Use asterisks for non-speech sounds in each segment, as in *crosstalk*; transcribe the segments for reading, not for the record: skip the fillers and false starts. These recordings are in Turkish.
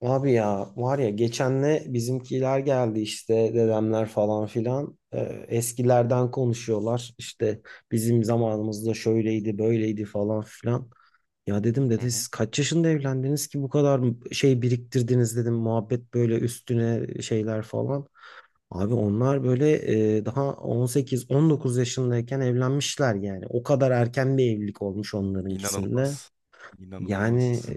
Abi ya var ya geçenle bizimkiler geldi işte dedemler falan filan. Eskilerden konuşuyorlar işte bizim zamanımızda şöyleydi böyleydi falan filan. Ya dedim dede Hı hı. siz kaç yaşında evlendiniz ki bu kadar şey biriktirdiniz dedim, muhabbet böyle üstüne şeyler falan. Abi onlar böyle daha 18-19 yaşındayken evlenmişler, yani o kadar erken bir evlilik olmuş onlarınkisinde. İnanılmaz. Yani İnanılmaz.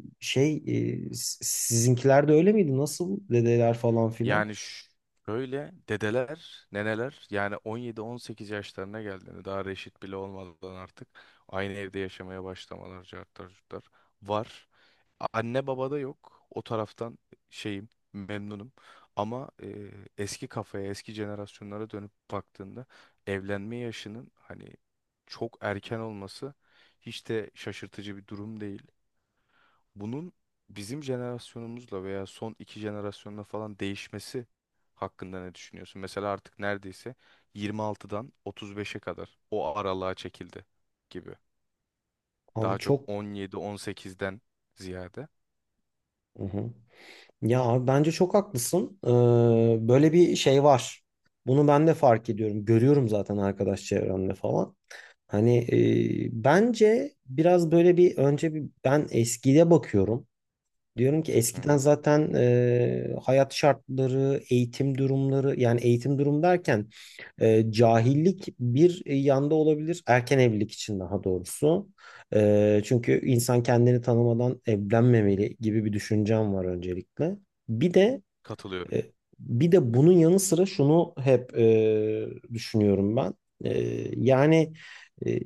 sizinkiler de öyle miydi? Nasıl dedeler falan filan? Yani şöyle dedeler, neneler yani 17-18 yaşlarına geldiğinde daha reşit bile olmadan artık aynı evde yaşamaya başlamalar cartlar curtlar var. Anne babada yok. O taraftan şeyim memnunum. Ama eski kafaya, eski jenerasyonlara dönüp baktığında evlenme yaşının hani çok erken olması hiç de şaşırtıcı bir durum değil. Bunun bizim jenerasyonumuzla veya son iki jenerasyonla falan değişmesi hakkında ne düşünüyorsun? Mesela artık neredeyse 26'dan 35'e kadar o aralığa çekildi gibi. Abi Daha çok çok. 17-18'den ziyade. Hı hı. Ya abi bence çok haklısın. Böyle bir şey var. Bunu ben de fark ediyorum. Görüyorum zaten arkadaş çevremde falan. Hani bence biraz böyle bir önce bir ben eskiye bakıyorum. Diyorum ki Hı eskiden hı. zaten hayat şartları, eğitim durumları, yani eğitim durum derken cahillik bir yanda olabilir. Erken evlilik için daha doğrusu. Çünkü insan kendini tanımadan evlenmemeli gibi bir düşüncem var öncelikle. Bir de Katılıyorum. e, bir de bunun yanı sıra şunu hep düşünüyorum ben. E, yani e,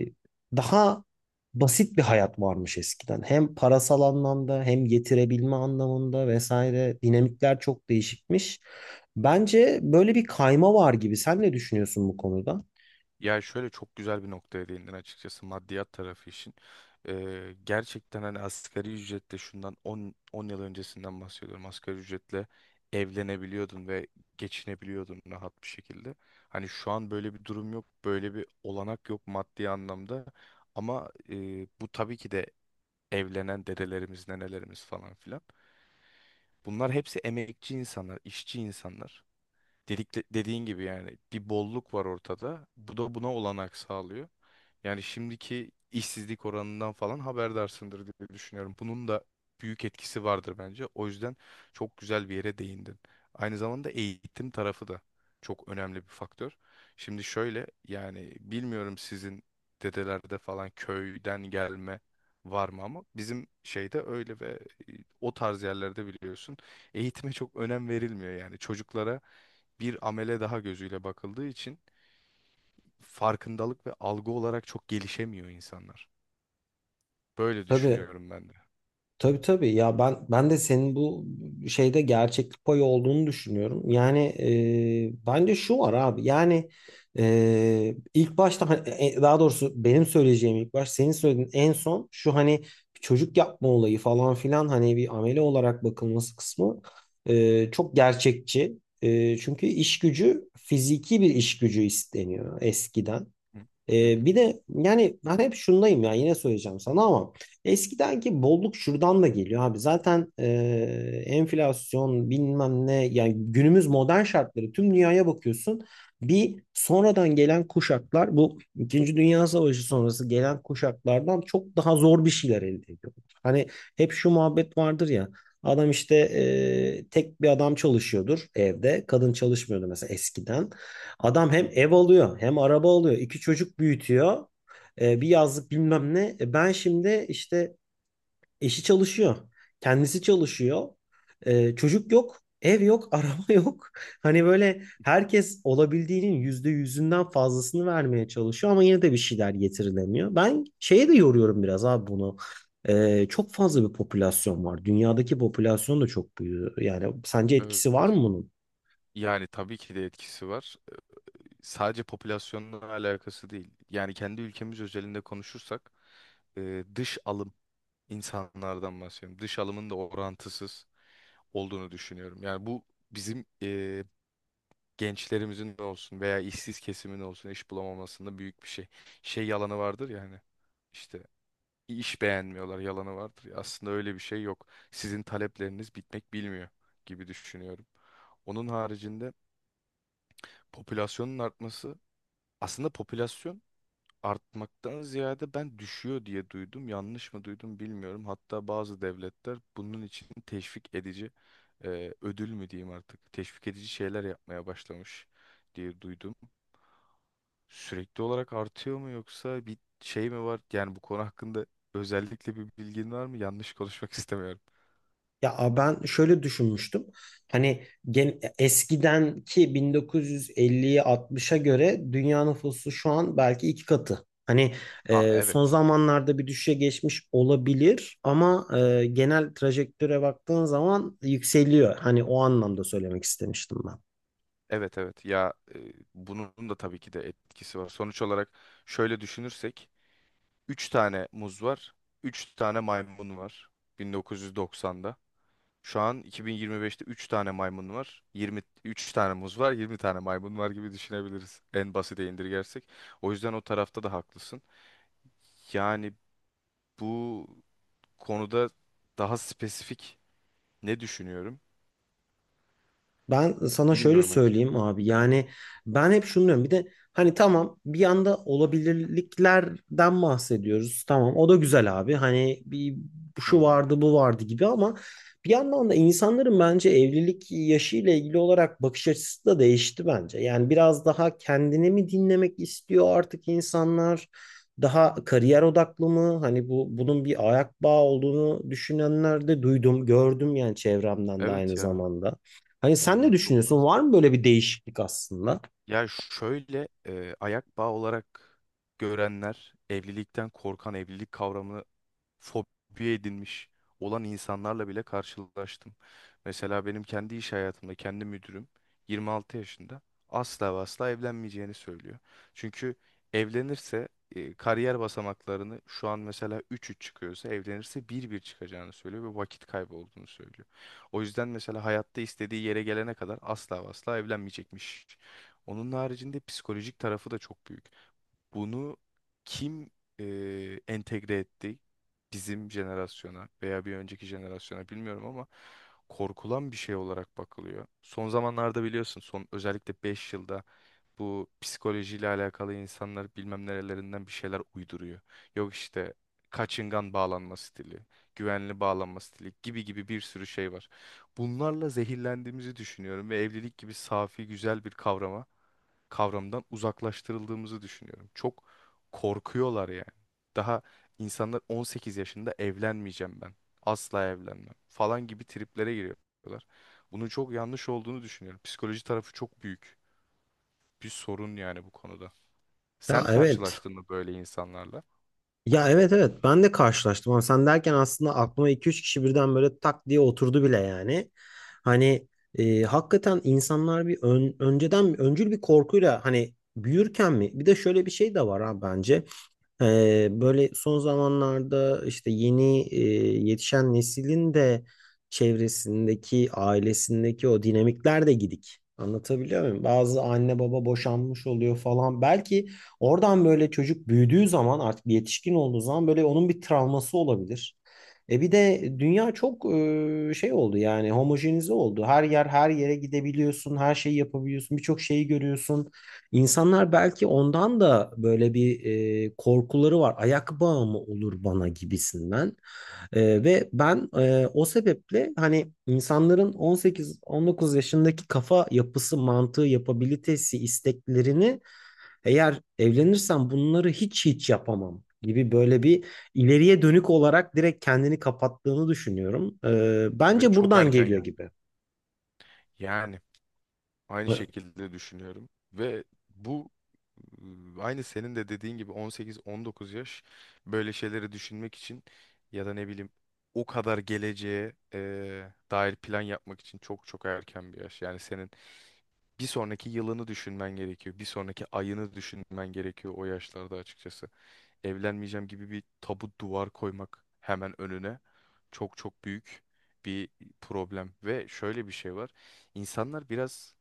daha basit bir hayat varmış eskiden. Hem parasal anlamda hem getirebilme anlamında vesaire dinamikler çok değişikmiş. Bence böyle bir kayma var gibi. Sen ne düşünüyorsun bu konuda? Ya şöyle çok güzel bir noktaya değindin açıkçası maddiyat tarafı için. Gerçekten hani asgari ücretle şundan 10 yıl öncesinden bahsediyorum. Asgari ücretle evlenebiliyordun ve geçinebiliyordun rahat bir şekilde. Hani şu an böyle bir durum yok, böyle bir olanak yok maddi anlamda. Ama bu tabii ki de evlenen dedelerimiz, nenelerimiz falan filan. Bunlar hepsi emekçi insanlar, işçi insanlar. Dediğin gibi yani bir bolluk var ortada. Bu da buna olanak sağlıyor. Yani şimdiki işsizlik oranından falan haberdarsındır diye düşünüyorum. Bunun da büyük etkisi vardır bence. O yüzden çok güzel bir yere değindin. Aynı zamanda eğitim tarafı da çok önemli bir faktör. Şimdi şöyle yani bilmiyorum sizin dedelerde falan köyden gelme var mı ama bizim şeyde öyle ve e, o tarz yerlerde biliyorsun eğitime çok önem verilmiyor yani çocuklara bir amele daha gözüyle bakıldığı için farkındalık ve algı olarak çok gelişemiyor insanlar. Böyle Tabii. düşünüyorum ben de. Tabii tabii ya, ben de senin bu şeyde gerçeklik payı olduğunu düşünüyorum. Yani bence şu var abi, yani ilk başta hani, daha doğrusu benim söyleyeceğim ilk baş senin söylediğin en son şu, hani çocuk yapma olayı falan filan, hani bir amele olarak bakılması kısmı çok gerçekçi. Çünkü iş gücü, fiziki bir iş gücü isteniyor eskiden. Hı hı hı. Bir de yani ben hep şundayım ya, yine söyleyeceğim sana ama eskidenki bolluk şuradan da geliyor abi. Zaten enflasyon bilmem ne, yani günümüz modern şartları, tüm dünyaya bakıyorsun. Bir sonradan gelen kuşaklar bu İkinci Dünya Savaşı sonrası gelen kuşaklardan çok daha zor bir şeyler elde ediyor. Hani hep şu muhabbet vardır ya, adam işte tek bir adam çalışıyordur, evde kadın çalışmıyordu mesela eskiden. Adam Hı hem hı. ev alıyor, hem araba alıyor, iki çocuk büyütüyor. Bir yazlık bilmem ne. Ben şimdi işte eşi çalışıyor. Kendisi çalışıyor. Çocuk yok. Ev yok. *laughs* Araba yok. Hani böyle herkes olabildiğinin yüzde yüzünden fazlasını vermeye çalışıyor. Ama yine de bir şeyler getirilemiyor. Ben şeye de yoruyorum biraz abi bunu. Çok fazla bir popülasyon var. Dünyadaki popülasyon da çok büyüyor. Yani sence etkisi var mı Evet. bunun? Yani tabii ki de etkisi var. Sadece popülasyonla alakası değil. Yani kendi ülkemiz özelinde konuşursak dış alım insanlardan bahsediyorum. Dış alımın da orantısız olduğunu düşünüyorum. Yani bu bizim gençlerimizin de olsun veya işsiz kesimin olsun iş bulamamasında büyük bir şey. Şey yalanı vardır yani hani işte iş beğenmiyorlar yalanı vardır ya. Aslında öyle bir şey yok. Sizin talepleriniz bitmek bilmiyor gibi düşünüyorum. Onun haricinde popülasyonun artması aslında popülasyon artmaktan ziyade ben düşüyor diye duydum. Yanlış mı duydum bilmiyorum. Hatta bazı devletler bunun için teşvik edici ödül mü diyeyim artık teşvik edici şeyler yapmaya başlamış diye duydum. Sürekli olarak artıyor mu yoksa bir şey mi var? Yani bu konu hakkında özellikle bir bilgin var mı? Yanlış konuşmak *laughs* istemiyorum. Ya ben şöyle düşünmüştüm. Hani eskidenki 1950'ye 60'a göre dünya nüfusu şu an belki iki katı. Hani Ha son evet. zamanlarda bir düşüşe geçmiş olabilir ama genel trajektöre baktığın zaman yükseliyor. Hani o anlamda söylemek istemiştim. Evet evet ya bunun da tabii ki de etkisi var. Sonuç olarak şöyle düşünürsek 3 tane muz var, 3 tane maymun var 1990'da. Şu an 2025'te 3 tane maymun var, 23 tane muz var, 20 tane maymun var gibi düşünebiliriz en basite indirgersek. O yüzden o tarafta da haklısın. Yani bu konuda daha spesifik ne düşünüyorum Ben sana şöyle bilmiyorum açıkçası. söyleyeyim abi, yani ben hep şunu diyorum bir de hani tamam, bir yanda olabilirliklerden bahsediyoruz, tamam o da güzel abi, hani bir Hı şu hı. vardı bu vardı gibi ama bir yandan da insanların bence evlilik yaşı ile ilgili olarak bakış açısı da değişti bence. Yani biraz daha kendini mi dinlemek istiyor artık insanlar, daha kariyer odaklı mı, hani bunun bir ayak bağı olduğunu düşünenler de duydum, gördüm yani çevremden de aynı Evet ya zamanda. Hani sen ne onlar çok düşünüyorsun? fazla. Var mı böyle bir değişiklik aslında? Ya şöyle ayak bağı olarak görenler evlilikten korkan, evlilik kavramını fobi edinmiş olan insanlarla bile karşılaştım. Mesela benim kendi iş hayatımda kendi müdürüm 26 yaşında asla ve asla evlenmeyeceğini söylüyor. Çünkü evlenirse kariyer basamaklarını şu an mesela üç üç çıkıyorsa evlenirse bir bir çıkacağını söylüyor ve vakit kaybı olduğunu söylüyor. O yüzden mesela hayatta istediği yere gelene kadar asla ve asla evlenmeyecekmiş. Onun haricinde psikolojik tarafı da çok büyük. Bunu kim e, entegre etti? Bizim jenerasyona veya bir önceki jenerasyona bilmiyorum ama korkulan bir şey olarak bakılıyor. Son zamanlarda biliyorsun son özellikle 5 yılda bu psikolojiyle alakalı insanlar bilmem nerelerinden bir şeyler uyduruyor. Yok işte kaçıngan bağlanma stili, güvenli bağlanma stili gibi gibi bir sürü şey var. Bunlarla zehirlendiğimizi düşünüyorum ve evlilik gibi safi güzel bir kavramından uzaklaştırıldığımızı düşünüyorum. Çok korkuyorlar yani. Daha insanlar 18 yaşında evlenmeyeceğim ben. Asla evlenmem falan gibi triplere giriyorlar. Bunun çok yanlış olduğunu düşünüyorum. Psikoloji tarafı çok büyük bir sorun yani bu konuda. Ya Sen evet. karşılaştın mı böyle insanlarla? Ya evet, evet, ben de karşılaştım ama sen derken aslında aklıma iki üç kişi birden böyle tak diye oturdu bile yani. Hani hakikaten insanlar bir önceden öncül bir korkuyla, hani büyürken mi? Bir de şöyle bir şey de var ha bence. Böyle son zamanlarda işte yeni yetişen neslin de çevresindeki, ailesindeki o dinamikler de gidik. Anlatabiliyor muyum? Bazı anne baba boşanmış oluyor falan. Belki oradan böyle çocuk büyüdüğü zaman, artık bir yetişkin olduğu zaman, böyle onun bir travması olabilir. E bir de dünya çok şey oldu, yani homojenize oldu. Her yer her yere gidebiliyorsun, her şeyi yapabiliyorsun, birçok şeyi görüyorsun. İnsanlar belki ondan da böyle bir korkuları var. Ayak bağı mı olur bana gibisinden. Ve ben o sebeple hani insanların 18-19 yaşındaki kafa yapısı, mantığı, yapabilitesi, isteklerini, eğer evlenirsem bunları hiç yapamam gibi böyle bir ileriye dönük olarak direkt kendini kapattığını düşünüyorum. Ve Bence çok buradan erken geliyor yani. gibi. Yani aynı şekilde düşünüyorum. Ve bu aynı senin de dediğin gibi 18-19 yaş böyle şeyleri düşünmek için ya da ne bileyim o kadar geleceğe dair plan yapmak için çok çok erken bir yaş. Yani senin bir sonraki yılını düşünmen gerekiyor. Bir sonraki ayını düşünmen gerekiyor o yaşlarda açıkçası. Evlenmeyeceğim gibi bir tabu duvar koymak hemen önüne çok çok büyük bir problem. Ve şöyle bir şey var. İnsanlar biraz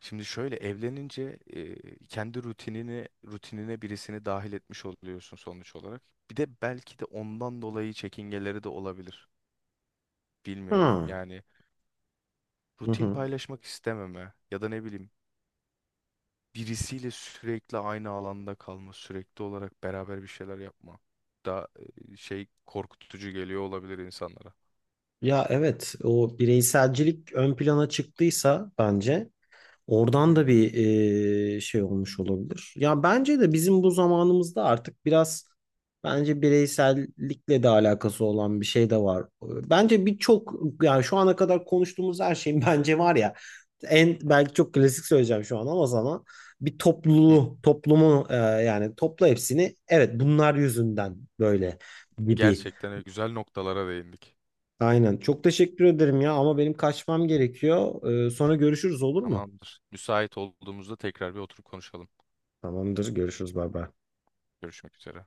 Şimdi şöyle evlenince kendi rutinine birisini dahil etmiş oluyorsun sonuç olarak. Bir de belki de ondan dolayı çekingeleri de olabilir. Bilmiyorum. Ha. Yani Hı rutin hı. paylaşmak istememe ya da ne bileyim birisiyle sürekli aynı alanda kalma, sürekli olarak beraber bir şeyler yapma da şey korkutucu geliyor olabilir insanlara. Ya evet, o bireyselcilik ön plana çıktıysa bence Hı oradan da hı. bir şey olmuş olabilir. Ya bence de bizim bu zamanımızda artık biraz bence bireysellikle de alakası olan bir şey de var. Bence birçok, yani şu ana kadar konuştuğumuz her şeyin *laughs* bence var ya, en belki çok klasik söyleyeceğim şu an ama sana bir Hı. topluluğu, toplumu yani topla hepsini, evet bunlar yüzünden böyle gibi. Gerçekten öyle güzel noktalara değindik. Aynen. Çok teşekkür ederim ya ama benim kaçmam gerekiyor. Sonra görüşürüz, olur mu? Tamamdır. Müsait olduğumuzda tekrar bir oturup konuşalım. Tamamdır. Görüşürüz. Bay bay. Görüşmek üzere.